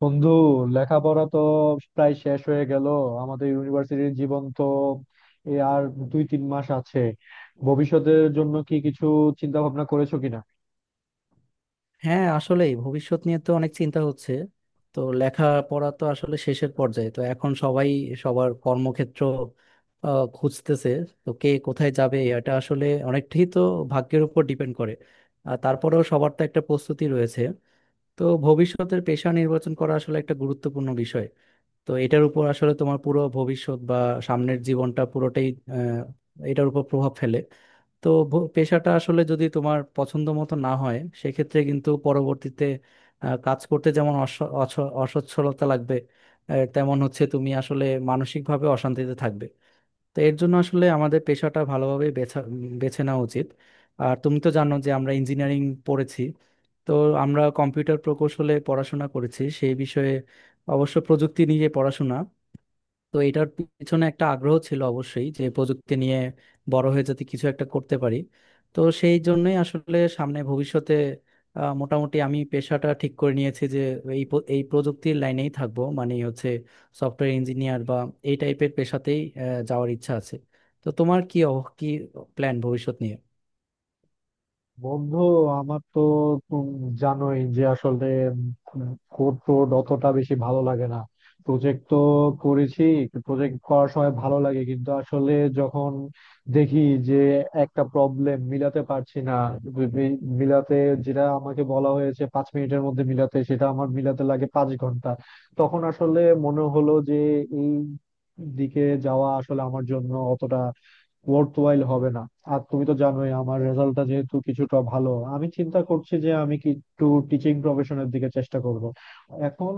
বন্ধু, লেখাপড়া তো প্রায় শেষ হয়ে গেল। আমাদের ইউনিভার্সিটির জীবন তো এই আর দুই তিন মাস আছে। ভবিষ্যতের জন্য কি কিছু চিন্তা ভাবনা করেছো কিনা? হ্যাঁ, আসলে ভবিষ্যৎ নিয়ে তো অনেক চিন্তা হচ্ছে। তো লেখাপড়া তো আসলে শেষের পর্যায়ে, তো এখন সবাই সবার কর্মক্ষেত্র খুঁজতেছে। তো কে কোথায় যাবে এটা আসলে অনেকটাই তো ভাগ্যের উপর ডিপেন্ড করে। আর তারপরেও সবার তো একটা প্রস্তুতি রয়েছে। তো ভবিষ্যতের পেশা নির্বাচন করা আসলে একটা গুরুত্বপূর্ণ বিষয়। তো এটার উপর আসলে তোমার পুরো ভবিষ্যৎ বা সামনের জীবনটা পুরোটাই এটার উপর প্রভাব ফেলে। তো পেশাটা আসলে যদি তোমার পছন্দ মতো না হয়, সেক্ষেত্রে কিন্তু পরবর্তীতে কাজ করতে যেমন অসচ্ছলতা লাগবে, তেমন হচ্ছে তুমি আসলে মানসিকভাবে অশান্তিতে থাকবে। তো এর জন্য আসলে আমাদের পেশাটা ভালোভাবে বেছে নেওয়া উচিত। আর তুমি তো জানো যে আমরা ইঞ্জিনিয়ারিং পড়েছি। তো আমরা কম্পিউটার প্রকৌশলে পড়াশোনা করেছি, সেই বিষয়ে অবশ্য প্রযুক্তি নিয়ে পড়াশোনা। তো এটার পিছনে একটা আগ্রহ ছিল অবশ্যই যে প্রযুক্তি নিয়ে বড় হয়ে যাতে কিছু একটা করতে পারি। তো সেই জন্যই আসলে সামনে ভবিষ্যতে মোটামুটি আমি পেশাটা ঠিক করে নিয়েছি যে এই প্রযুক্তির লাইনেই থাকবো, মানে হচ্ছে সফটওয়্যার ইঞ্জিনিয়ার বা এই টাইপের পেশাতেই যাওয়ার ইচ্ছা আছে। তো তোমার কি কি প্ল্যান ভবিষ্যৎ নিয়ে? বন্ধু, আমার তো জানোই যে আসলে কোড টোড অতটা বেশি ভালো লাগে না। প্রজেক্ট তো করেছি, প্রজেক্ট করার সময় ভালো লাগে, কিন্তু আসলে যখন দেখি যে একটা প্রবলেম মিলাতে পারছি না, বি- বি- মিলাতে, যেটা আমাকে বলা হয়েছে 5 মিনিটের মধ্যে মিলাতে সেটা আমার মিলাতে লাগে 5 ঘন্টা, তখন আসলে মনে হলো যে এই দিকে যাওয়া আসলে আমার জন্য অতটা ওয়ার্থওয়াইল হবে না। আর তুমি তো জানোই আমার রেজাল্টটা যেহেতু কিছুটা ভালো, আমি চিন্তা করছি যে আমি কি একটু টিচিং প্রফেশনের দিকে চেষ্টা করব। এখন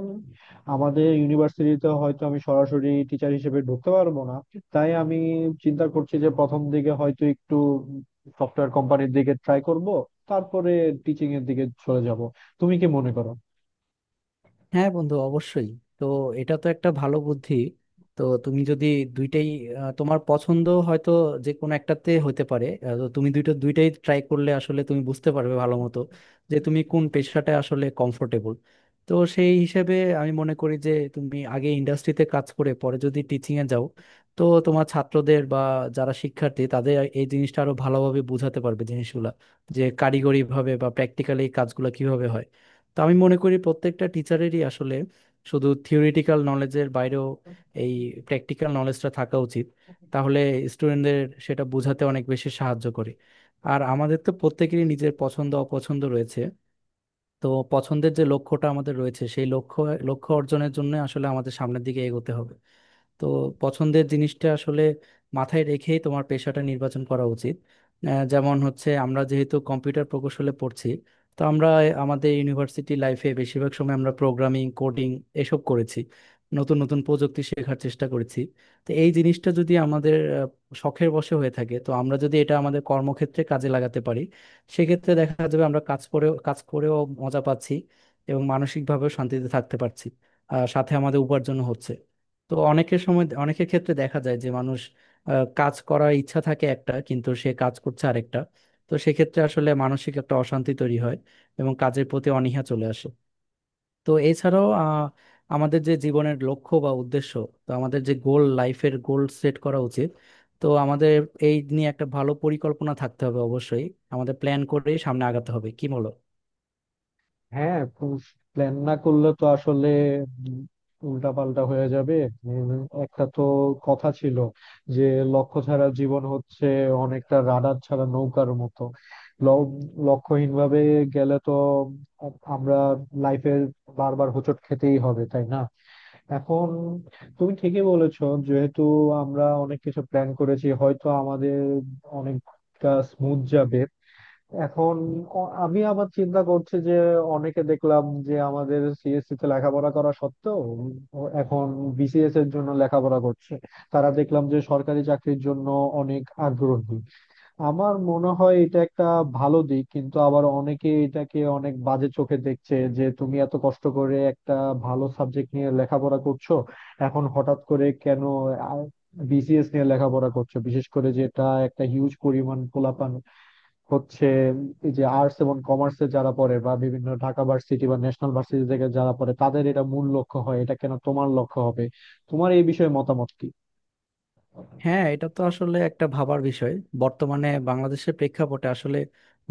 আমাদের ইউনিভার্সিটিতে হয়তো আমি সরাসরি টিচার হিসেবে ঢুকতে পারবো না, তাই আমি চিন্তা করছি যে প্রথম দিকে হয়তো একটু সফটওয়্যার কোম্পানির দিকে ট্রাই করব, তারপরে টিচিং এর দিকে চলে যাব। তুমি কি মনে করো? হ্যাঁ বন্ধু, অবশ্যই। তো এটা তো একটা ভালো বুদ্ধি। তো তুমি যদি দুইটাই তোমার পছন্দ হয়তো যে কোনো একটাতে হতে পারে, তো তুমি দুইটাই ট্রাই করলে আসলে তুমি বুঝতে পারবে ভালো মতো যে তুমি কোন পেশাটা আসলে কমফোর্টেবল। তো সেই হিসেবে আমি মনে করি যে তুমি আগে ইন্ডাস্ট্রিতে কাজ করে পরে যদি টিচিং এ যাও, তো তোমার ছাত্রদের বা যারা শিক্ষার্থী তাদের এই জিনিসটা আরো ভালোভাবে বোঝাতে পারবে জিনিসগুলা যে কারিগরি ভাবে বা প্র্যাকটিক্যালি কাজগুলো কিভাবে হয়। তো আমি মনে করি প্রত্যেকটা টিচারেরই আসলে শুধু থিওরিটিক্যাল নলেজের বাইরেও এই প্র্যাকটিক্যাল নলেজটা থাকা উচিত। তাহলে স্টুডেন্টদের সেটা বোঝাতে অনেক বেশি সাহায্য করে। আর আমাদের তো প্রত্যেকেরই নিজের পছন্দ অপছন্দ রয়েছে। তো পছন্দের যে লক্ষ্যটা আমাদের রয়েছে সেই লক্ষ্য লক্ষ্য অর্জনের জন্য আসলে আমাদের সামনের দিকে এগোতে হবে। তো পছন্দের জিনিসটা আসলে মাথায় রেখেই তোমার পেশাটা নির্বাচন করা উচিত। যেমন হচ্ছে আমরা যেহেতু কম্পিউটার প্রকৌশলে পড়ছি, তো আমরা আমাদের ইউনিভার্সিটি লাইফে বেশিরভাগ সময় আমরা প্রোগ্রামিং কোডিং এসব করেছি, নতুন নতুন প্রযুক্তি শেখার চেষ্টা করেছি। তো এই জিনিসটা যদি আমাদের শখের বশে হয়ে থাকে, তো আমরা যদি এটা আমাদের কর্মক্ষেত্রে কাজে লাগাতে পারি, সেক্ষেত্রে দেখা যাবে আমরা কাজ করেও মজা পাচ্ছি এবং মানসিকভাবেও শান্তিতে থাকতে পারছি, আর সাথে আমাদের উপার্জন হচ্ছে। তো অনেকের সময় অনেকের ক্ষেত্রে দেখা যায় যে মানুষ কাজ করার ইচ্ছা থাকে একটা, কিন্তু সে কাজ করছে আরেকটা। তো সেক্ষেত্রে আসলে মানসিক একটা অশান্তি তৈরি হয় এবং কাজের প্রতি অনীহা চলে আসে। তো এছাড়াও আমাদের যে জীবনের লক্ষ্য বা উদ্দেশ্য, তো আমাদের যে গোল, লাইফের গোল সেট করা উচিত। তো আমাদের এই নিয়ে একটা ভালো পরিকল্পনা থাকতে হবে অবশ্যই। আমাদের প্ল্যান করেই সামনে আগাতে হবে, কি বলো? হ্যাঁ, প্ল্যান না করলে তো আসলে উল্টা পাল্টা হয়ে যাবে। উম, একটা তো কথা ছিল যে লক্ষ্য ছাড়া জীবন হচ্ছে অনেকটা রাডার ছাড়া নৌকার মতো। ল- লক্ষ্যহীন ভাবে গেলে তো আমরা লাইফে বারবার হোঁচট খেতেই হবে, তাই না? এখন তুমি ঠিকই বলেছো, যেহেতু আমরা অনেক কিছু প্ল্যান করেছি হয়তো আমাদের অনেকটা স্মুথ যাবে। এখন আমি আবার চিন্তা করছি যে অনেকে দেখলাম যে আমাদের সিএসসি তে লেখাপড়া করা সত্ত্বেও ও এখন বিসিএস এর জন্য লেখাপড়া করছে। তারা দেখলাম যে সরকারি চাকরির জন্য অনেক আগ্রহী। আমার মনে হয় এটা একটা ভালো দিক, কিন্তু আবার অনেকে এটাকে অনেক বাজে চোখে দেখছে যে তুমি এত কষ্ট করে একটা ভালো সাবজেক্ট নিয়ে লেখাপড়া করছো, এখন হঠাৎ করে কেন বিসিএস নিয়ে লেখাপড়া করছো? বিশেষ করে যেটা একটা হিউজ পরিমাণ পোলাপান হচ্ছে, এই যে আর্টস এবং কমার্সে যারা পড়ে বা বিভিন্ন ঢাকা ভার্সিটি বা ন্যাশনাল ভার্সিটি থেকে যারা পড়ে তাদের এটা মূল লক্ষ্য হয়, এটা কেন তোমার লক্ষ্য হবে? তোমার এই বিষয়ে মতামত কি? হ্যাঁ, এটা তো আসলে একটা ভাবার বিষয়। বর্তমানে বাংলাদেশের প্রেক্ষাপটে আসলে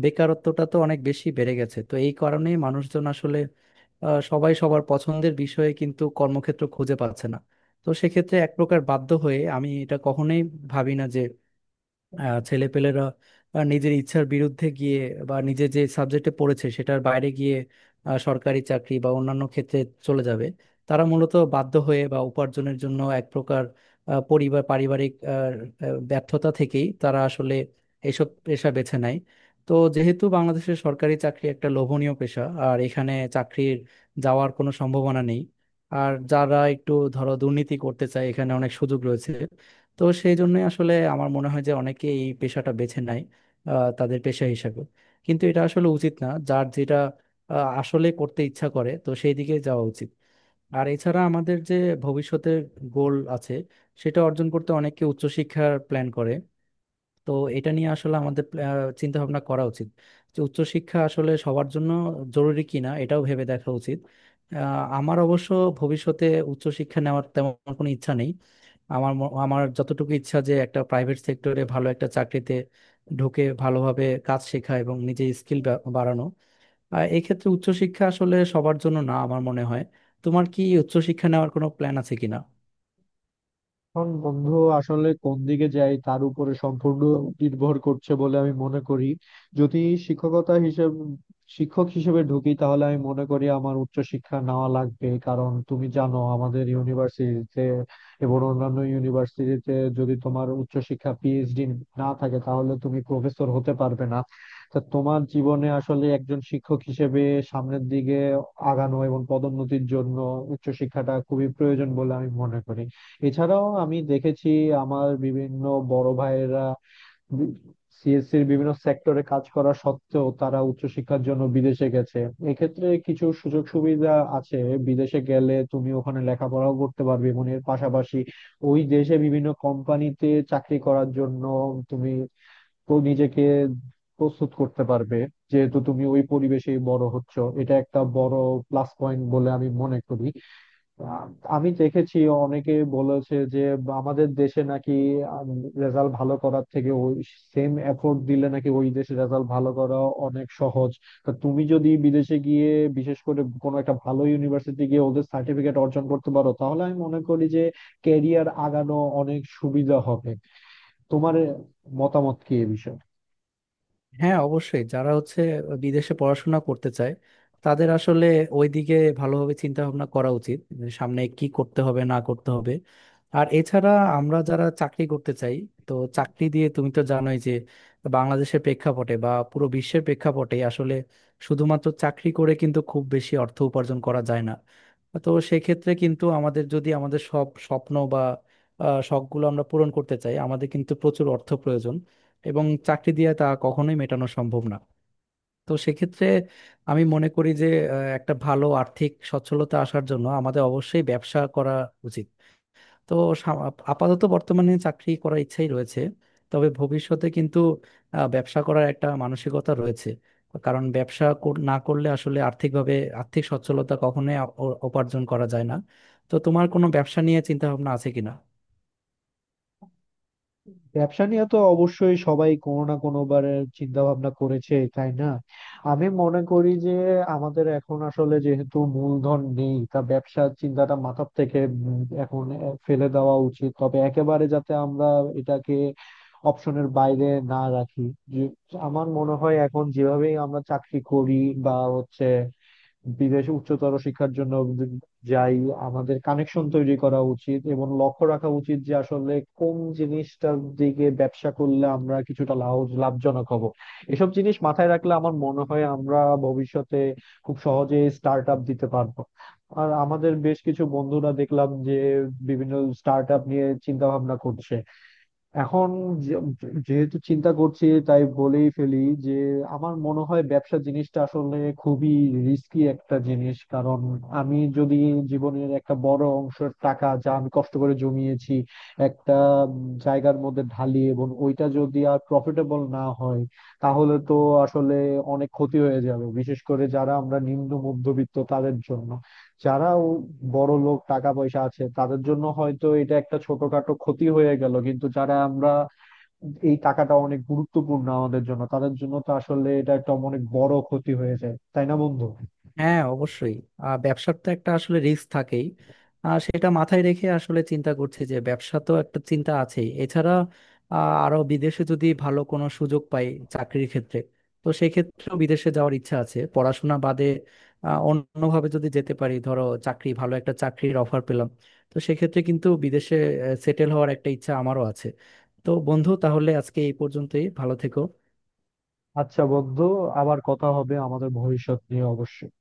বেকারত্বটা তো অনেক বেশি বেড়ে গেছে। তো এই কারণেই মানুষজন আসলে সবাই সবার পছন্দের বিষয়ে কিন্তু কর্মক্ষেত্র খুঁজে পাচ্ছে না। তো সেক্ষেত্রে এক প্রকার বাধ্য হয়ে, আমি এটা কখনোই ভাবি না ছেলেপেলেরা নিজের ইচ্ছার বিরুদ্ধে গিয়ে বা নিজে যে সাবজেক্টে পড়েছে সেটার বাইরে গিয়ে সরকারি চাকরি বা অন্যান্য ক্ষেত্রে চলে যাবে। তারা মূলত বাধ্য হয়ে বা উপার্জনের জন্য এক প্রকার পরিবার পারিবারিক আহ, আহ, ব্যর্থতা থেকেই তারা আসলে এইসব পেশা বেছে নেয়। তো যেহেতু বাংলাদেশের সরকারি চাকরি একটা লোভনীয় পেশা আর এখানে চাকরির যাওয়ার কোনো সম্ভাবনা নেই, আর যারা একটু ধরো দুর্নীতি করতে চায় এখানে অনেক সুযোগ রয়েছে, তো সেই জন্যই আসলে আমার মনে হয় যে অনেকে এই পেশাটা বেছে নেয় তাদের পেশা হিসাবে। কিন্তু এটা আসলে উচিত না, যার যেটা আসলে করতে ইচ্ছা করে তো সেই দিকে যাওয়া উচিত। আর এছাড়া আমাদের যে ভবিষ্যতের গোল আছে, সেটা অর্জন করতে অনেকে উচ্চশিক্ষার প্ল্যান করে। তো এটা নিয়ে আসলে আমাদের চিন্তা ভাবনা করা উচিত যে উচ্চশিক্ষা আসলে সবার জন্য জরুরি কিনা এটাও ভেবে দেখা উচিত। আমার অবশ্য ভবিষ্যতে উচ্চশিক্ষা নেওয়ার তেমন কোনো ইচ্ছা নেই। আমার যতটুকু ইচ্ছা যে একটা প্রাইভেট সেক্টরে ভালো একটা চাকরিতে ঢুকে ভালোভাবে কাজ শেখা এবং নিজের স্কিল বাড়ানো। আর এক্ষেত্রে উচ্চশিক্ষা আসলে সবার জন্য না আমার মনে হয়। তোমার কি উচ্চশিক্ষা নেওয়ার কোনো প্ল্যান আছে কিনা? এখন বন্ধু, আসলে কোন দিকে যাই তার উপরে সম্পূর্ণ নির্ভর করছে বলে আমি মনে করি। যদি শিক্ষকতা হিসেবে, শিক্ষক হিসেবে ঢুকি তাহলে আমি মনে করি আমার উচ্চশিক্ষা নেওয়া লাগবে, কারণ তুমি জানো আমাদের ইউনিভার্সিটিতে এবং অন্যান্য ইউনিভার্সিটিতে যদি তোমার উচ্চশিক্ষা পিএইচডি না থাকে তাহলে তুমি প্রফেসর হতে পারবে না। তা তোমার জীবনে আসলে একজন শিক্ষক হিসেবে সামনের দিকে আগানো এবং পদোন্নতির জন্য উচ্চশিক্ষাটা খুবই প্রয়োজন বলে আমি মনে করি। এছাড়াও আমি দেখেছি আমার বিভিন্ন বড় ভাইয়েরা সিএসসির বিভিন্ন সেক্টরে কাজ করা সত্ত্বেও তারা উচ্চশিক্ষার জন্য বিদেশে গেছে। এক্ষেত্রে কিছু সুযোগ সুবিধা আছে, বিদেশে গেলে তুমি ওখানে লেখাপড়াও করতে পারবে এবং এর পাশাপাশি ওই দেশে বিভিন্ন কোম্পানিতে চাকরি করার জন্য তুমি তো নিজেকে প্রস্তুত করতে পারবে, যেহেতু তুমি ওই পরিবেশেই বড় হচ্ছ। এটা একটা বড় প্লাস পয়েন্ট বলে আমি মনে করি। আ- আমি দেখেছি অনেকে বলেছে যে আমাদের দেশে নাকি রেজাল্ট ভালো করার থেকে ওই সেম এফোর্ট দিলে নাকি ওই দেশে রেজাল্ট ভালো করা অনেক সহজ। তা তুমি যদি বিদেশে গিয়ে বিশেষ করে কোনো একটা ভালো ইউনিভার্সিটি গিয়ে ওদের সার্টিফিকেট অর্জন করতে পারো, তাহলে আমি মনে করি যে ক্যারিয়ার আগানো অনেক সুবিধা হবে। তোমার মতামত কি এ বিষয়ে? হ্যাঁ অবশ্যই, যারা হচ্ছে বিদেশে পড়াশোনা করতে চায় তাদের আসলে ওইদিকে ভালোভাবে চিন্তা ভাবনা করা উচিত যে সামনে কি করতে হবে না করতে হবে। আর এছাড়া আমরা যারা চাকরি করতে চাই, তো চাকরি দিয়ে তুমি তো জানোই যে বাংলাদেশের প্রেক্ষাপটে বা পুরো বিশ্বের প্রেক্ষাপটে আসলে শুধুমাত্র চাকরি করে কিন্তু খুব বেশি অর্থ উপার্জন করা যায় না। তো সেক্ষেত্রে কিন্তু আমাদের যদি আমাদের সব স্বপ্ন বা শখগুলো আমরা পূরণ করতে চাই, আমাদের কিন্তু প্রচুর অর্থ প্রয়োজন, এবং চাকরি দিয়ে তা কখনোই মেটানো সম্ভব না। তো সেক্ষেত্রে আমি মনে করি যে একটা ভালো আর্থিক সচ্ছলতা আসার জন্য আমাদের অবশ্যই ব্যবসা করা উচিত। তো সাম- আপাতত বর্তমানে চাকরি করার ইচ্ছাই রয়েছে, তবে ভবিষ্যতে কিন্তু ব্যবসা করার একটা মানসিকতা রয়েছে। কারণ না করলে আসলে আর্থিকভাবে আর্থিক সচ্ছলতা কখনোই অর্জন করা যায় না। তো তোমার কোনো ব্যবসা নিয়ে চিন্তা ভাবনা আছে কিনা? ব্যবসা নিয়ে তো অবশ্যই সবাই কোনো না কোনো বারে চিন্তা ভাবনা করেছে, তাই না? আমি মনে করি যে আমাদের এখন আসলে যেহেতু মূলধন নেই, তা ব্যবসার চিন্তাটা মাথার থেকে এখন ফেলে দেওয়া উচিত। তবে একেবারে যাতে আমরা এটাকে অপশনের বাইরে না রাখি। যে আমার মনে হয় এখন যেভাবেই আমরা চাকরি করি বা হচ্ছে বিদেশে উচ্চতর শিক্ষার জন্য যাই, আমাদের কানেকশন তৈরি করা উচিত এবং লক্ষ্য রাখা উচিত যে আসলে কোন জিনিসটার দিকে ব্যবসা করলে আমরা কিছুটা লাভ, লাভজনক হব। এসব জিনিস মাথায় রাখলে আমার মনে হয় আমরা ভবিষ্যতে খুব সহজে স্টার্ট আপ দিতে পারবো। আর আমাদের বেশ কিছু বন্ধুরা দেখলাম যে বিভিন্ন স্টার্ট আপ নিয়ে চিন্তা ভাবনা করছে। এখন যে- যেহেতু চিন্তা করছি তাই বলেই ফেলি যে আমার মনে হয় ব্যবসা জিনিসটা আসলে খুবই রিস্কি একটা জিনিস। কারণ আমি যদি জীবনের একটা বড় অংশের টাকা, যা আমি কষ্ট করে জমিয়েছি, একটা উম, জায়গার মধ্যে ঢালি এবং ওইটা যদি আর প্রফিটেবল না হয়, তাহলে তো আসলে অনেক ক্ষতি হয়ে যাবে। বিশেষ করে যারা আমরা নিম্ন মধ্যবিত্ত তাদের জন্য। যারা বড় লোক, টাকা পয়সা আছে তাদের জন্য হয়তো এটা একটা ছোটখাটো ক্ষতি হয়ে গেল, কিন্তু যারা আমরা এই টাকাটা অনেক গুরুত্বপূর্ণ আমাদের জন্য, তাদের জন্য তো আসলে এটা একটা অনেক বড় ক্ষতি হয়ে যায়, তাই না বন্ধু? হ্যাঁ অবশ্যই, ব্যবসার তো একটা আসলে রিস্ক থাকেই। সেটা মাথায় রেখে আসলে চিন্তা করছি যে ব্যবসা তো একটা চিন্তা আছেই, এছাড়া আহ, আরো বিদেশে যদি ভালো কোনো সুযোগ পাই চাকরির ক্ষেত্রে, তো সেক্ষেত্রেও বিদেশে যাওয়ার ইচ্ছা আছে পড়াশোনা বাদে। অন্যভাবে যদি যেতে পারি, ধরো চাকরি, ভালো একটা চাকরির অফার পেলাম, তো সেক্ষেত্রে কিন্তু বিদেশে সেটেল হওয়ার একটা ইচ্ছা আমারও আছে। তো বন্ধু তাহলে আজকে এই পর্যন্তই, ভালো থেকো। আচ্ছা বন্ধু, আবার কথা হবে আমাদের ভবিষ্যৎ নিয়ে অবশ্যই।